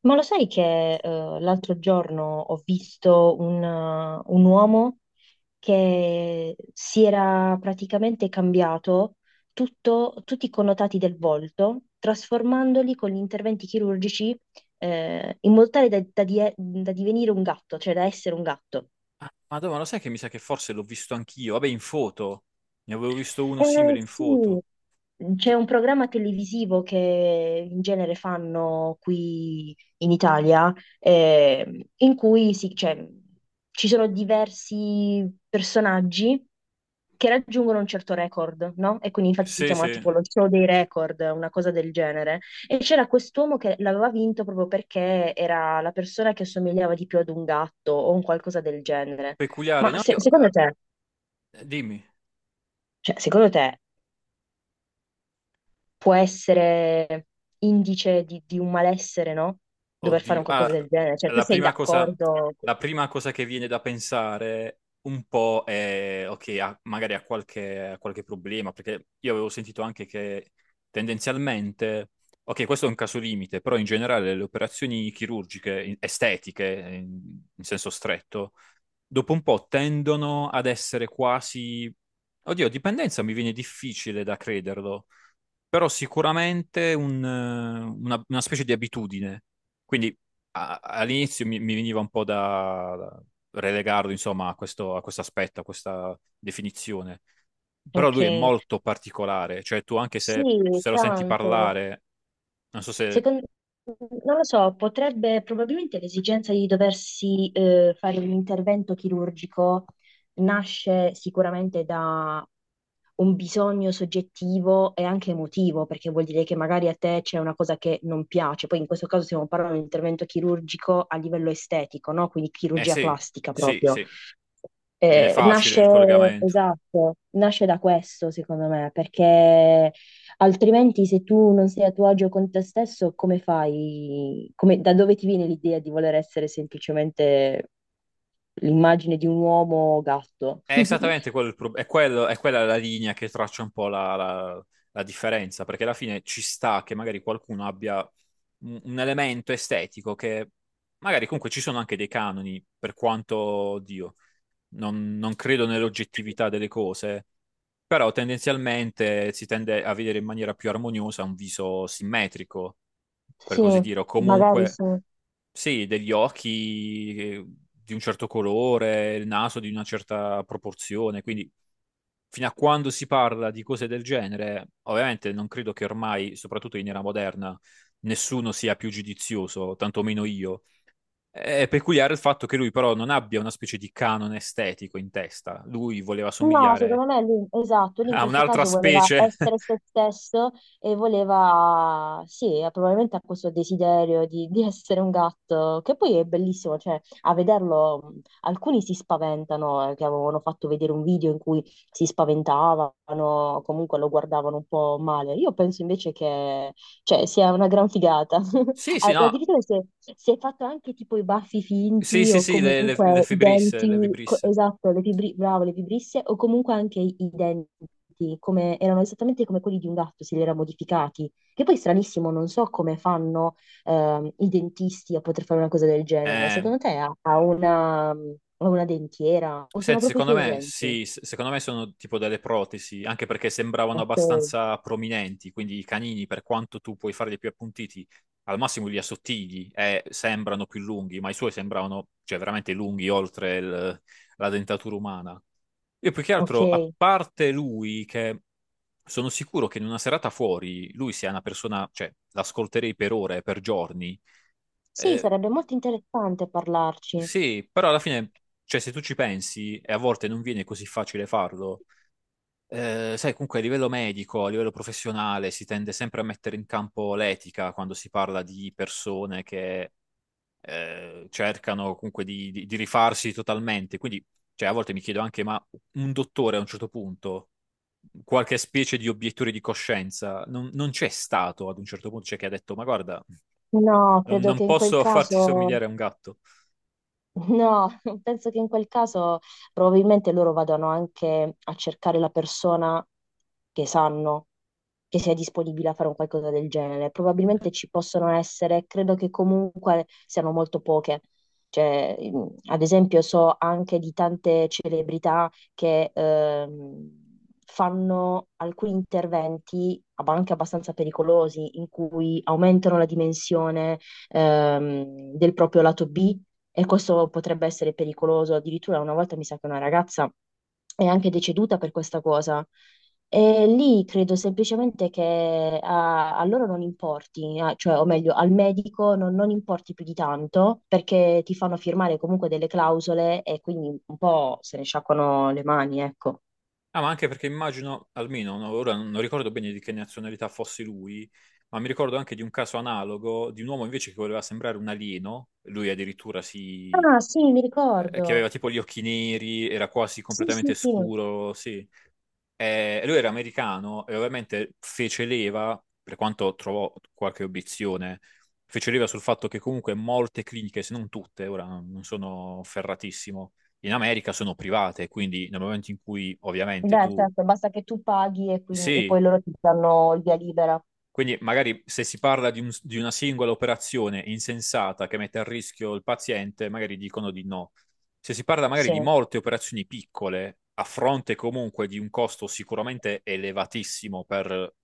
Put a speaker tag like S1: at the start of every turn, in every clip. S1: Ma lo sai che l'altro giorno ho visto un uomo che si era praticamente cambiato tutti i connotati del volto, trasformandoli con gli interventi chirurgici in modo tale da da divenire un gatto, cioè da essere un gatto.
S2: Ah, Madonna, lo sai che mi sa che forse l'ho visto anch'io? Vabbè, in foto. Ne avevo visto uno
S1: Eh
S2: simile in
S1: sì,
S2: foto.
S1: c'è
S2: Chi-
S1: un programma televisivo che in genere fanno qui in Italia, in cui cioè, ci sono diversi personaggi che raggiungono un certo record, no? E quindi infatti si
S2: Sì,
S1: chiama
S2: sì,
S1: tipo lo show dei record, una cosa del genere. E c'era quest'uomo che l'aveva vinto proprio perché era la persona che assomigliava di più ad un gatto o un qualcosa del genere.
S2: peculiare.
S1: Ma
S2: No, io...
S1: secondo
S2: ah,
S1: te,
S2: dimmi.
S1: cioè, secondo te può essere indice di un malessere, no? Dover fare un
S2: Oddio.
S1: qualcosa
S2: Ah,
S1: del genere. Cioè, tu
S2: la
S1: sei
S2: prima cosa,
S1: d'accordo?
S2: la prima cosa che viene da pensare un po' è... Ok, ah, magari ha qualche problema, perché io avevo sentito anche che tendenzialmente... Ok, questo è un caso limite, però in generale le operazioni chirurgiche, estetiche, in senso stretto dopo un po' tendono ad essere quasi... Oddio, dipendenza mi viene difficile da crederlo, però sicuramente una specie di abitudine. Quindi all'inizio mi veniva un po' da relegarlo, insomma, a questo aspetto, a questa definizione. Però
S1: Ok.
S2: lui è molto particolare, cioè tu anche se,
S1: Sì,
S2: se lo senti
S1: tanto.
S2: parlare, non so se...
S1: Secondo, non lo so, potrebbe probabilmente l'esigenza di doversi fare un intervento chirurgico nasce sicuramente da un bisogno soggettivo e anche emotivo, perché vuol dire che magari a te c'è una cosa che non piace. Poi in questo caso stiamo parlando di un intervento chirurgico a livello estetico, no? Quindi
S2: Eh
S1: chirurgia
S2: sì,
S1: plastica
S2: sì,
S1: proprio.
S2: sì, viene facile
S1: Nasce,
S2: il collegamento.
S1: esatto, nasce da questo, secondo me, perché altrimenti, se tu non sei a tuo agio con te stesso, come fai? Da dove ti viene l'idea di voler essere semplicemente l'immagine di un uomo gatto?
S2: È esattamente quello il prob- è, quello- è quella la linea che traccia un po' la differenza, perché alla fine ci sta che magari qualcuno abbia un elemento estetico che magari comunque ci sono anche dei canoni, per quanto, oddio, non credo nell'oggettività delle cose, però tendenzialmente si tende a vedere in maniera più armoniosa un viso simmetrico, per
S1: Sì,
S2: così dire, o
S1: magari
S2: comunque
S1: sì.
S2: sì, degli occhi di un certo colore, il naso di una certa proporzione, quindi fino a quando si parla di cose del genere, ovviamente non credo che ormai, soprattutto in era moderna, nessuno sia più giudizioso, tantomeno io. È peculiare il fatto che lui però non abbia una specie di canone estetico in testa. Lui voleva
S1: No,
S2: somigliare
S1: secondo me lui, esatto, lui in
S2: a
S1: questo
S2: un'altra
S1: caso voleva
S2: specie.
S1: essere se stesso e voleva, sì, probabilmente ha questo desiderio di essere un gatto, che poi è bellissimo, cioè a vederlo alcuni si spaventano, che avevano fatto vedere un video in cui si spaventavano, comunque lo guardavano un po' male. Io penso invece che, cioè, sia una gran figata
S2: Sì, sì, no.
S1: Addirittura si è fatto anche tipo i baffi
S2: Sì,
S1: finti
S2: sì,
S1: o
S2: sì, le, le,
S1: comunque
S2: le
S1: i
S2: Fibris, le
S1: denti,
S2: Vibris.
S1: esatto, le bravo, le vibrisse o comunque anche i denti, come, erano esattamente come quelli di un gatto, se li era modificati. Che poi è stranissimo, non so come fanno i dentisti a poter fare una cosa del genere.
S2: Eh,
S1: Secondo te ha, ha una dentiera o sono
S2: Senti,
S1: proprio i
S2: secondo
S1: suoi
S2: me
S1: denti?
S2: sì, secondo me sono tipo delle protesi, anche perché sembravano
S1: Ok,
S2: abbastanza prominenti, quindi i canini, per quanto tu puoi farli più appuntiti, al massimo li assottigli e sembrano più lunghi, ma i suoi sembravano, cioè, veramente lunghi oltre la dentatura umana. Io più che altro, a
S1: ok.
S2: parte lui, che sono sicuro che in una serata fuori lui sia una persona, cioè, l'ascolterei per ore, per giorni.
S1: Sì,
S2: Eh,
S1: sarebbe molto interessante parlarci.
S2: sì, però alla fine, cioè, se tu ci pensi, e a volte non viene così facile farlo. Sai, comunque a livello medico, a livello professionale, si tende sempre a mettere in campo l'etica quando si parla di persone che cercano comunque di rifarsi totalmente. Quindi, cioè, a volte mi chiedo anche, ma un dottore a un certo punto, qualche specie di obiettore di coscienza, non c'è stato ad un certo punto, cioè che ha detto, ma guarda,
S1: No,
S2: non,
S1: credo che
S2: non
S1: in quel
S2: posso farti
S1: caso...
S2: somigliare a un gatto.
S1: No, penso che in quel caso probabilmente loro vadano anche a cercare la persona che sanno che sia disponibile a fare un qualcosa del genere. Probabilmente ci possono essere, credo che comunque siano molto poche. Cioè, mm, ad esempio, so anche di tante celebrità che fanno alcuni interventi, ma anche abbastanza pericolosi, in cui aumentano la dimensione del proprio lato B e questo potrebbe essere pericoloso. Addirittura una volta mi sa che una ragazza è anche deceduta per questa cosa. E lì credo semplicemente che a loro non importi, cioè, o meglio, al medico non, non importi più di tanto perché ti fanno firmare comunque delle clausole e quindi un po' se ne sciacquano le mani, ecco.
S2: Ah, ma anche perché immagino, almeno no, ora non ricordo bene di che nazionalità fosse lui, ma mi ricordo anche di un caso analogo di un uomo invece che voleva sembrare un alieno, lui addirittura si...
S1: Ah, sì, mi
S2: che
S1: ricordo.
S2: aveva tipo gli occhi neri, era quasi
S1: Sì, sì,
S2: completamente
S1: sì.
S2: scuro, sì. Lui era americano e ovviamente fece leva, per quanto trovò qualche obiezione, fece leva sul fatto che comunque molte cliniche, se non tutte, ora non sono ferratissimo, in America sono private, quindi nel momento in cui ovviamente
S1: Beh,
S2: tu
S1: certo, basta che tu paghi e poi
S2: sì,
S1: loro ti danno il via libera.
S2: quindi magari se si parla di una singola operazione insensata che mette a rischio il paziente, magari dicono di no. Se si parla magari
S1: Sì.
S2: di molte operazioni piccole, a fronte comunque di un costo sicuramente elevatissimo per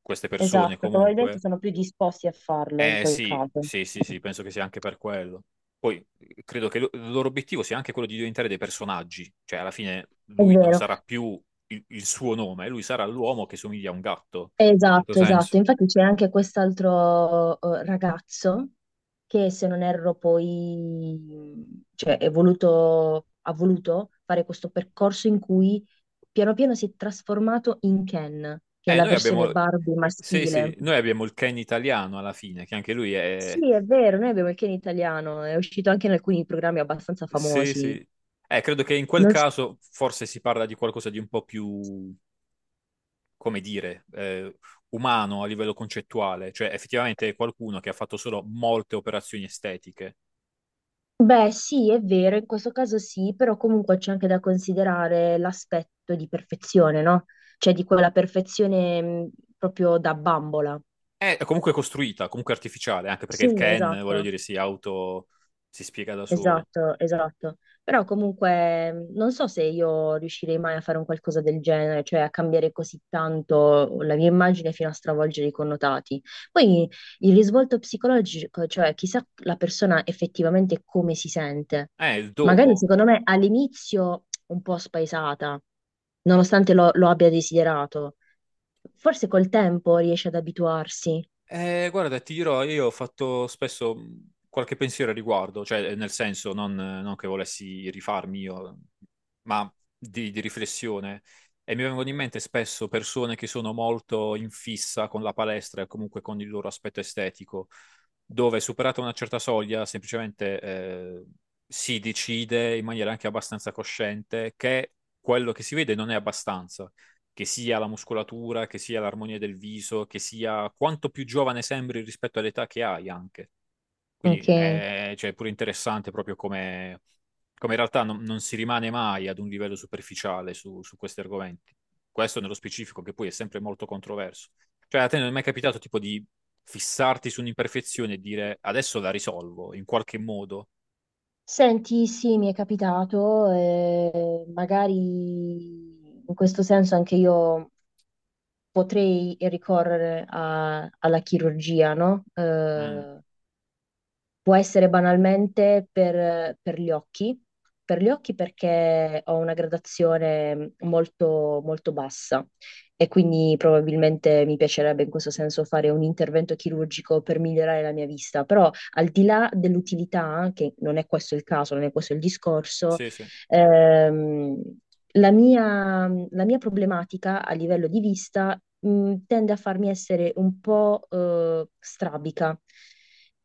S2: queste persone
S1: Esatto, probabilmente
S2: comunque,
S1: sono più disposti a farlo in
S2: eh
S1: quel
S2: sì,
S1: caso.
S2: sì, sì, sì, penso che sia anche per quello. Poi credo che il loro obiettivo sia anche quello di diventare dei personaggi, cioè alla fine
S1: È
S2: lui non
S1: vero,
S2: sarà più il suo nome, lui sarà l'uomo che somiglia a un gatto, in un certo
S1: esatto,
S2: senso.
S1: esatto. Infatti c'è anche quest'altro ragazzo che, se non erro, poi cioè, è voluto, ha voluto fare questo percorso in cui piano piano si è trasformato in Ken, che è
S2: Eh,
S1: la
S2: noi
S1: versione
S2: abbiamo,
S1: Barbie
S2: sì,
S1: maschile.
S2: sì, noi abbiamo il Ken italiano alla fine, che anche lui è,
S1: Sì, è vero, noi abbiamo il Ken italiano, è uscito anche in alcuni programmi abbastanza
S2: sì,
S1: famosi.
S2: sì. Credo che in quel caso forse si parla di qualcosa di un po' più, come dire, umano a livello concettuale, cioè effettivamente è qualcuno che ha fatto solo molte operazioni estetiche.
S1: Beh, sì, è vero, in questo caso sì, però comunque c'è anche da considerare l'aspetto di perfezione, no? Cioè di quella perfezione proprio da bambola.
S2: È comunque costruita, comunque artificiale, anche perché il
S1: Sì,
S2: Ken, voglio
S1: esatto.
S2: dire, si spiega da solo.
S1: Esatto, esatto. Però comunque non so se io riuscirei mai a fare un qualcosa del genere, cioè a cambiare così tanto la mia immagine fino a stravolgere i connotati. Poi il risvolto psicologico, cioè chissà la persona effettivamente come si sente.
S2: Il
S1: Magari
S2: dopo.
S1: secondo me all'inizio un po' spaesata, nonostante lo abbia desiderato. Forse col tempo riesce ad abituarsi.
S2: Guarda, ti dirò, io ho fatto spesso qualche pensiero a riguardo, cioè nel senso non che volessi rifarmi io, ma di riflessione. E mi vengono in mente spesso persone che sono molto in fissa con la palestra e comunque con il loro aspetto estetico, dove superata una certa soglia semplicemente si decide in maniera anche abbastanza cosciente che quello che si vede non è abbastanza, che sia la muscolatura, che sia l'armonia del viso, che sia quanto più giovane sembri rispetto all'età che hai anche. Quindi
S1: Ok.
S2: è cioè, è pure interessante proprio come in realtà non si rimane mai ad un livello superficiale su questi argomenti. Questo nello specifico, che poi è sempre molto controverso. Cioè, a te non è mai capitato tipo di fissarti su un'imperfezione e dire adesso la risolvo in qualche modo?
S1: Senti, sì, mi è capitato, magari in questo senso anche io potrei ricorrere alla chirurgia, no?
S2: Mm,
S1: Può essere banalmente per gli occhi perché ho una gradazione molto, molto bassa e quindi probabilmente mi piacerebbe in questo senso fare un intervento chirurgico per migliorare la mia vista, però al di là dell'utilità, che non è questo il caso, non è questo il discorso,
S2: sì, sì.
S1: ehm, la mia problematica a livello di vista, tende a farmi essere un po', strabica.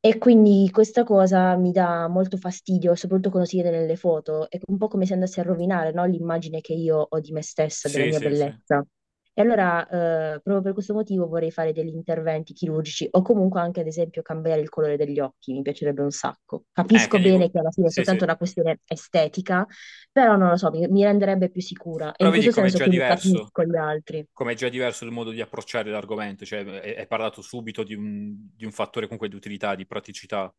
S1: E quindi questa cosa mi dà molto fastidio, soprattutto quando si vede nelle foto. È un po' come se andasse a rovinare, no, l'immagine che io ho di me stessa, della
S2: Sì,
S1: mia
S2: sì. Sì,
S1: bellezza. E allora, proprio per questo motivo vorrei fare degli interventi chirurgici o comunque anche, ad esempio, cambiare il colore degli occhi. Mi piacerebbe un sacco. Capisco
S2: Che dico...
S1: bene che alla fine è
S2: Sì,
S1: soltanto
S2: sì.
S1: una questione estetica, però non lo so, mi renderebbe più sicura. E
S2: Però
S1: in
S2: vedi
S1: questo
S2: com'è
S1: senso
S2: già
S1: quindi
S2: diverso.
S1: capisco gli altri.
S2: Come è già diverso il modo di approcciare l'argomento, cioè è parlato subito di un fattore comunque di utilità, di praticità,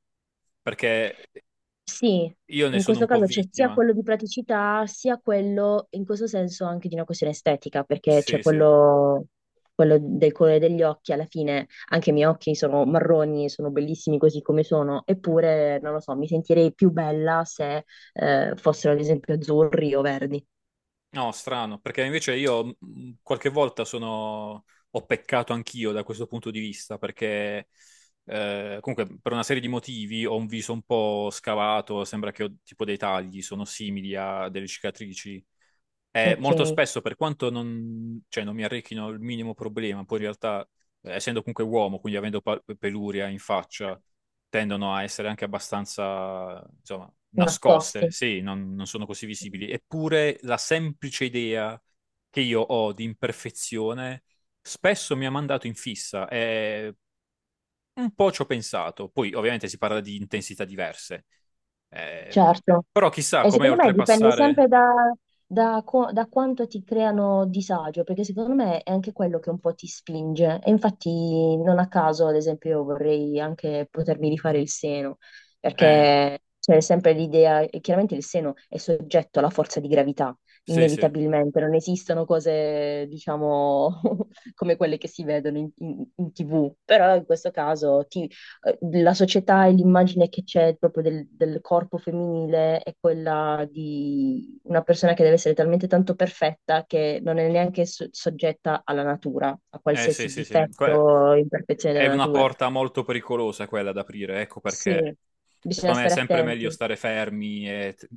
S2: perché
S1: Sì,
S2: io ne
S1: in
S2: sono
S1: questo
S2: un po'
S1: caso c'è sia
S2: vittima.
S1: quello di praticità, sia quello, in questo senso, anche di una questione estetica, perché c'è
S2: Sì, sì.
S1: quello, quello del colore degli occhi, alla fine anche i miei occhi sono marroni, sono bellissimi così come sono, eppure, non lo so, mi sentirei più bella se fossero ad esempio azzurri o verdi.
S2: No, strano, perché invece io qualche volta sono... ho peccato anch'io da questo punto di vista, perché comunque per una serie di motivi ho un viso un po' scavato, sembra che ho tipo dei tagli, sono simili a delle cicatrici. Molto
S1: Ok,
S2: spesso, per quanto non, cioè, non mi arricchino il minimo problema, poi in realtà, essendo comunque uomo, quindi avendo peluria in faccia, tendono a essere anche abbastanza, insomma, nascoste,
S1: nascosti.
S2: sì, non sono così visibili. Eppure la semplice idea che io ho di imperfezione spesso mi ha mandato in fissa e un po' ci ho pensato. Poi, ovviamente, si parla di intensità diverse. Eh,
S1: Certo,
S2: però chissà
S1: e
S2: com'è
S1: secondo me dipende
S2: oltrepassare...
S1: sempre da, da quanto ti creano disagio, perché secondo me è anche quello che un po' ti spinge. E infatti non a caso, ad esempio, io vorrei anche potermi rifare il seno,
S2: Eh,
S1: perché c'è sempre l'idea, e chiaramente il seno è soggetto alla forza di gravità,
S2: sì, sì.
S1: inevitabilmente, non esistono cose, diciamo, come quelle che si vedono in, in TV, però in questo caso la società e l'immagine che c'è proprio del, del corpo femminile è quella di una persona che deve essere talmente tanto perfetta che non è neanche soggetta alla natura, a
S2: Eh sì,
S1: qualsiasi
S2: sì, sì.
S1: difetto
S2: Que-
S1: o imperfezione
S2: è
S1: della
S2: una
S1: natura.
S2: porta molto pericolosa quella da aprire, ecco
S1: Sì,
S2: perché
S1: bisogna
S2: secondo me è
S1: stare
S2: sempre meglio
S1: attenti.
S2: stare fermi e t-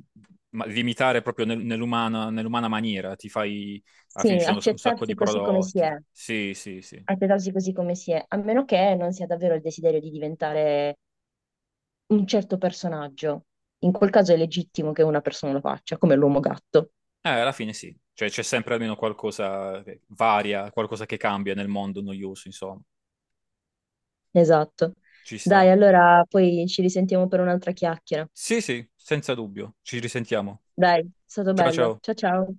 S2: ma- limitare proprio nell'umana maniera, ti fai, alla fine
S1: Sì,
S2: ci sono un sacco
S1: accettarsi
S2: di
S1: così come si è,
S2: prodotti. Sì, sì, sì.
S1: accettarsi così come si è, a meno che non sia davvero il desiderio di diventare un certo personaggio. In quel caso è legittimo che una persona lo faccia, come l'uomo gatto.
S2: Alla fine sì, cioè c'è sempre almeno qualcosa che varia, qualcosa che cambia nel mondo noioso, insomma.
S1: Esatto.
S2: Ci sta.
S1: Dai, allora poi ci risentiamo per un'altra chiacchiera.
S2: Sì, sì, senza dubbio. Ci risentiamo.
S1: Dai, è stato
S2: Ciao,
S1: bello.
S2: ciao.
S1: Ciao ciao.